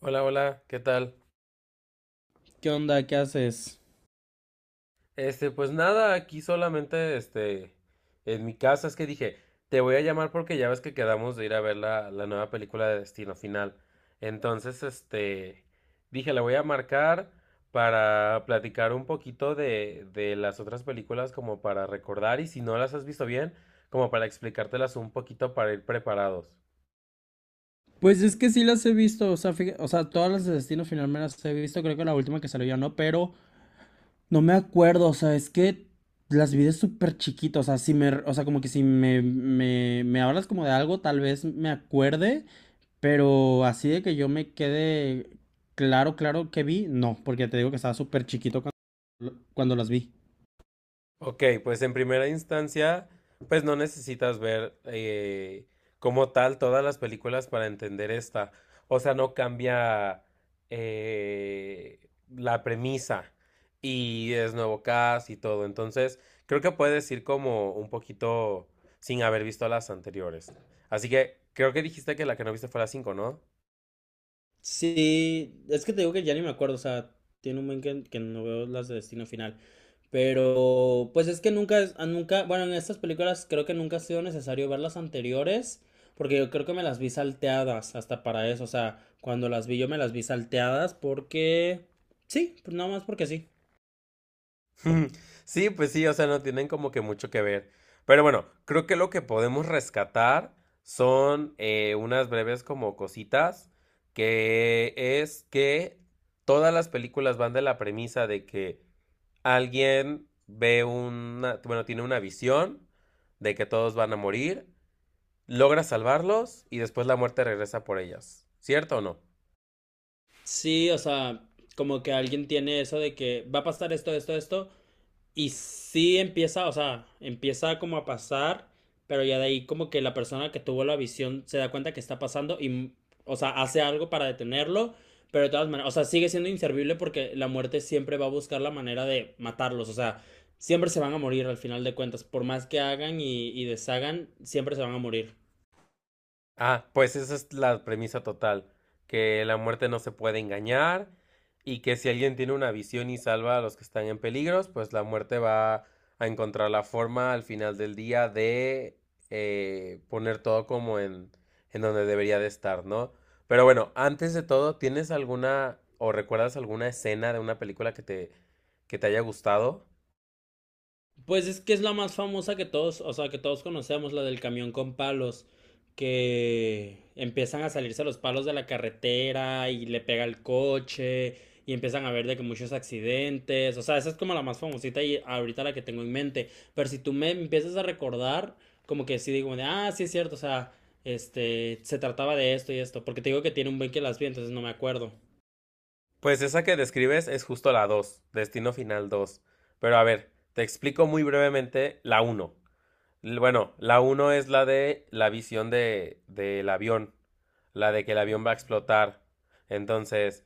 Hola, hola, ¿qué tal? ¿Qué onda? ¿Qué haces? Este, pues nada, aquí solamente, este, en mi casa es que dije, te voy a llamar porque ya ves que quedamos de ir a ver la nueva película de Destino Final. Entonces, este, dije, le voy a marcar para platicar un poquito de las otras películas como para recordar y si no las has visto bien, como para explicártelas un poquito para ir preparados. Pues es que sí las he visto, o sea, todas las de Destino Final me las he visto, creo que la última que salió ya no, pero no me acuerdo, o sea, es que las vi de súper chiquito, o sea, si me, o sea, como que si me, me hablas como de algo, tal vez me acuerde, pero así de que yo me quede claro, claro que vi, no, porque te digo que estaba súper chiquito cuando, cuando las vi. Ok, pues en primera instancia, pues no necesitas ver como tal todas las películas para entender esta. O sea, no cambia eh, la premisa y es nuevo cast y todo. Entonces, creo que puedes ir como un poquito sin haber visto las anteriores. Así que creo que dijiste que la que no viste fue la 5, ¿no? Sí, es que te digo que ya ni me acuerdo, o sea, tiene un buen que no veo las de Destino Final. Pero, pues es que nunca, nunca, bueno, en estas películas creo que nunca ha sido necesario ver las anteriores, porque yo creo que me las vi salteadas hasta para eso, o sea, cuando las vi yo me las vi salteadas porque, sí, pues nada más porque sí. Sí, pues sí, o sea, no tienen como que mucho que ver. Pero bueno, creo que lo que podemos rescatar son unas breves como cositas, que es que todas las películas van de la premisa de que alguien ve una, bueno, tiene una visión de que todos van a morir, logra salvarlos y después la muerte regresa por ellas. ¿Cierto o no? Sí, o sea, como que alguien tiene eso de que va a pasar esto, esto, esto, y sí empieza, o sea, empieza como a pasar, pero ya de ahí como que la persona que tuvo la visión se da cuenta que está pasando y, o sea, hace algo para detenerlo, pero de todas maneras, o sea, sigue siendo inservible porque la muerte siempre va a buscar la manera de matarlos, o sea, siempre se van a morir al final de cuentas, por más que hagan y deshagan, siempre se van a morir. Ah, pues esa es la premisa total, que la muerte no se puede engañar y que si alguien tiene una visión y salva a los que están en peligros, pues la muerte va a encontrar la forma al final del día de poner todo como en, donde debería de estar, ¿no? Pero bueno, antes de todo, ¿tienes alguna o recuerdas alguna escena de una película que te haya gustado? Pues es que es la más famosa que todos, o sea, que todos conocemos, la del camión con palos, que empiezan a salirse los palos de la carretera y le pega el coche y empiezan a ver de que muchos accidentes, o sea, esa es como la más famosita y ahorita la que tengo en mente, pero si tú me empiezas a recordar, como que sí digo, de, ah, sí es cierto, o sea, este, se trataba de esto y esto, porque te digo que tiene un buen que las vi, entonces no me acuerdo. Pues esa que describes es justo la 2, Destino Final dos. Pero a ver, te explico muy brevemente la uno. Bueno, la uno es la de la visión de, del avión, la de que el avión va a explotar. Entonces,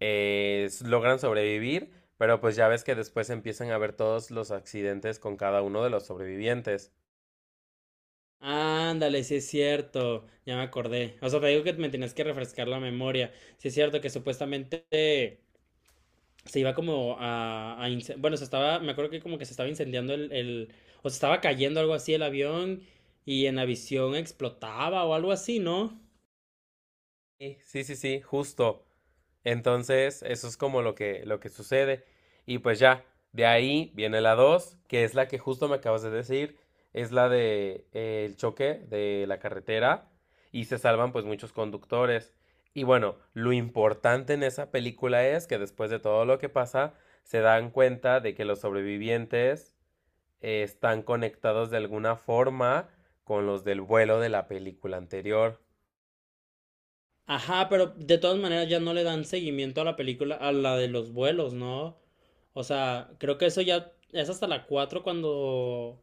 logran sobrevivir, pero pues ya ves que después empiezan a ver todos los accidentes con cada uno de los sobrevivientes. Ándale, sí es cierto, ya me acordé. O sea, te digo que me tenías que refrescar la memoria. Sí es cierto que supuestamente se iba como a, se estaba, me acuerdo que como que se estaba incendiando el, o se estaba cayendo algo así el avión y en la visión explotaba o algo así, ¿no? Sí, sí, sí, sí, justo. Entonces, eso es como lo que sucede. Y pues ya, de ahí viene la 2 que es la que justo me acabas de decir, es la de el choque de la carretera y se salvan pues muchos conductores. Y bueno, lo importante en esa película es que después de todo lo que pasa, se dan cuenta de que los sobrevivientes están conectados de alguna forma con los del vuelo de la película anterior. Ajá, pero de todas maneras ya no le dan seguimiento a la película, a la de los vuelos, ¿no? O sea, creo que eso ya es hasta la 4 cuando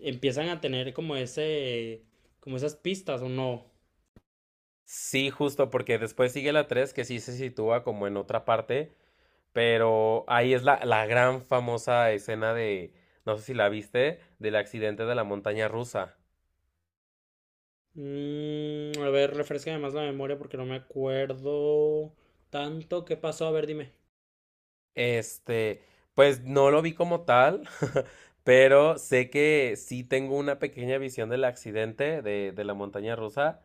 empiezan a tener como ese, como esas pistas, ¿o no? Sí, justo, porque después sigue la 3 que sí se sitúa como en otra parte, pero ahí es la gran famosa escena de, no sé si la viste, del accidente de la montaña rusa. Mm, a ver, refresca más la memoria porque no me acuerdo tanto qué pasó. A ver, dime. Este, pues no lo vi como tal, pero sé que sí tengo una pequeña visión del accidente de, la montaña rusa,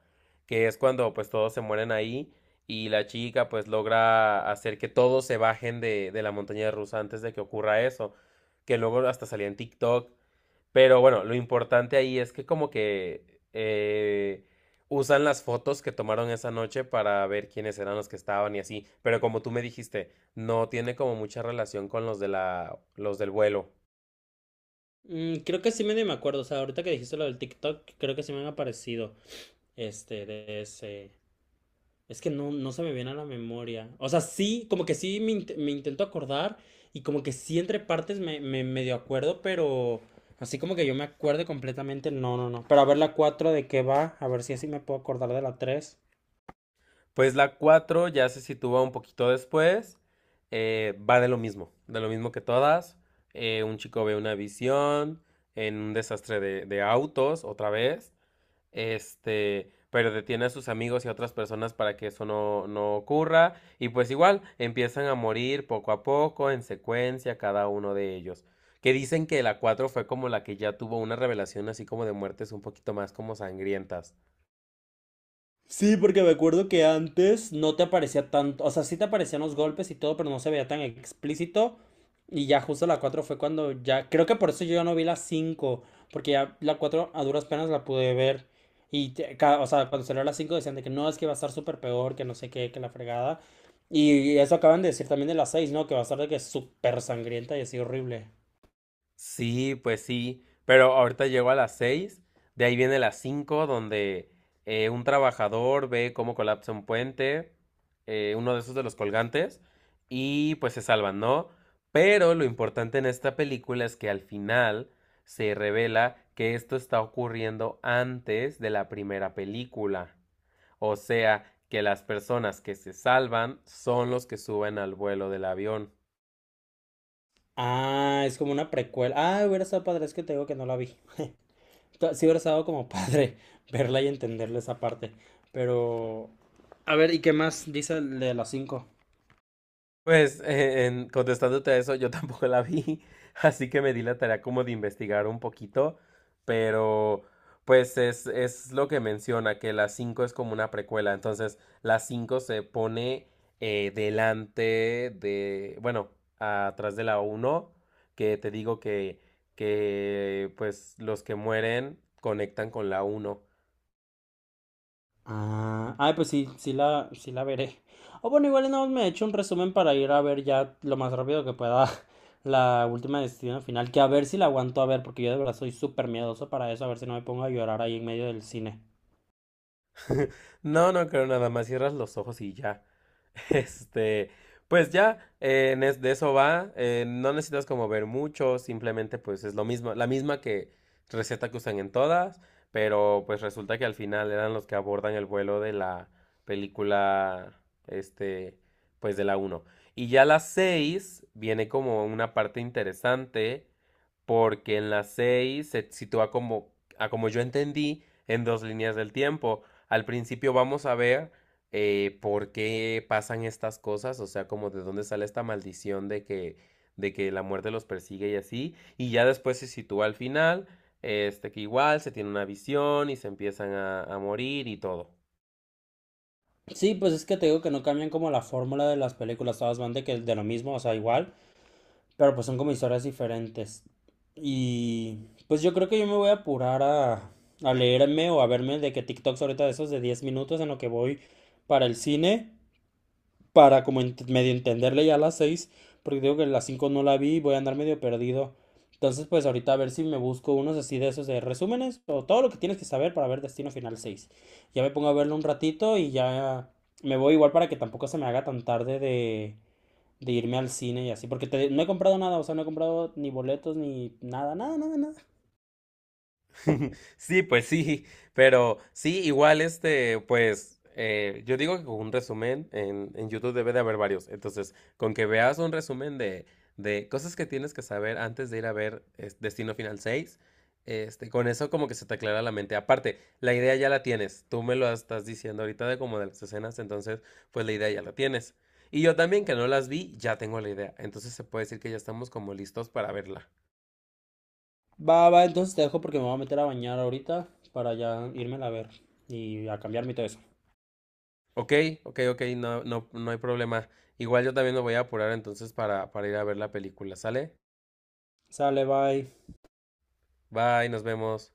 que es cuando pues todos se mueren ahí y la chica pues logra hacer que todos se bajen de la montaña rusa antes de que ocurra eso, que luego hasta salía en TikTok. Pero bueno, lo importante ahí es que como que eh, usan las fotos que tomaron esa noche para ver quiénes eran los que estaban y así. Pero como tú me dijiste, no tiene como mucha relación con los de la, los del vuelo. Mm, creo que sí medio me acuerdo. O sea, ahorita que dijiste lo del TikTok, creo que sí me han aparecido. Este, de ese. Es que no, no se me viene a la memoria. O sea, sí, como que sí me, me intento acordar. Y como que sí entre partes me, me medio acuerdo, pero así como que yo me acuerde completamente, no, no, no. Pero a ver la 4 de qué va, a ver si así me puedo acordar de la 3. Pues la 4 ya se sitúa un poquito después. Va de lo mismo que todas. Un chico ve una visión en un desastre de autos otra vez. Este, pero detiene a sus amigos y a otras personas para que eso no, no ocurra. Y pues igual empiezan a morir poco a poco, en secuencia, cada uno de ellos. Que dicen que la 4 fue como la que ya tuvo una revelación así como de muertes un poquito más como sangrientas. Sí, porque me acuerdo que antes no te aparecía tanto, o sea, sí te aparecían los golpes y todo, pero no se veía tan explícito. Y ya justo la 4 fue cuando ya, creo que por eso yo ya no vi la 5 porque ya la 4 a duras penas la pude ver. Y, cuando salió la 5 decían de que no, es que va a estar súper peor, que no sé qué, que la fregada. Y eso acaban de decir también de la seis, ¿no? Que va a estar de que súper sangrienta y así horrible. Sí, pues sí, pero ahorita llego a las 6, de ahí viene las 5 donde un trabajador ve cómo colapsa un puente, uno de esos de los colgantes, y pues se salvan, ¿no? Pero lo importante en esta película es que al final se revela que esto está ocurriendo antes de la primera película. O sea, que las personas que se salvan son los que suben al vuelo del avión. Ah, es como una precuela. Ah, hubiera estado padre, es que te digo que no la vi. Sí hubiera estado como padre verla y entenderle esa parte. Pero... A ver, ¿y qué más dice el de las cinco? Pues, contestándote a eso, yo tampoco la vi, así que me di la tarea como de investigar un poquito, pero pues es lo que menciona, que la 5 es como una precuela, entonces la 5 se pone delante de, bueno, atrás de la uno, que te digo que pues los que mueren conectan con la uno. Ah, ay, pues sí, sí la veré. O bueno, igual y me he hecho un resumen para ir a ver ya lo más rápido que pueda la última Destino Final, que a ver si la aguanto a ver, porque yo de verdad soy súper miedoso para eso, a ver si no me pongo a llorar ahí en medio del cine. No, no creo nada más, cierras los ojos y ya. Este, pues ya, de eso va. No necesitas como ver mucho, simplemente pues es lo mismo, la misma que receta que usan en todas, pero pues resulta que al final eran los que abordan el vuelo de la película, este, pues de la uno. Y ya la 6 viene como una parte interesante, porque en la 6 se sitúa como, a como yo entendí, en dos líneas del tiempo. Al principio vamos a ver por qué pasan estas cosas, o sea, como de dónde sale esta maldición de que, la muerte los persigue y así, y ya después se sitúa al final, este que igual se tiene una visión y se empiezan a, morir y todo. Sí, pues es que te digo que no cambian como la fórmula de las películas, todas van de que de lo mismo, o sea, igual, pero pues son como historias diferentes. Y pues yo creo que yo me voy a apurar a leerme o a verme de que TikToks ahorita de esos de 10 minutos en lo que voy para el cine, para como medio entenderle ya a las 6 porque digo que las 5 no la vi y voy a andar medio perdido. Entonces pues ahorita a ver si me busco unos así de esos de resúmenes o todo lo que tienes que saber para ver Destino Final seis. Ya me pongo a verlo un ratito y ya me voy igual para que tampoco se me haga tan tarde de irme al cine y así, porque no he comprado nada, o sea, no he comprado ni boletos ni nada, nada, nada, nada. Sí, pues sí, pero sí, igual este, pues yo digo que con un resumen en, YouTube debe de haber varios, entonces con que veas un resumen de cosas que tienes que saber antes de ir a ver es, Destino Final seis, este, con eso como que se te aclara la mente. Aparte, la idea ya la tienes, tú me lo estás diciendo ahorita de como de las escenas, entonces pues la idea ya la tienes. Y yo también que no las vi, ya tengo la idea, entonces se puede decir que ya estamos como listos para verla. Va, va, entonces te dejo porque me voy a meter a bañar ahorita para ya irme a ver y a cambiarme y todo eso. Ok, ok, ok, no, no, no hay problema. Igual yo también me voy a apurar entonces para, ir a ver la película, ¿sale? Sale, bye. Bye, nos vemos.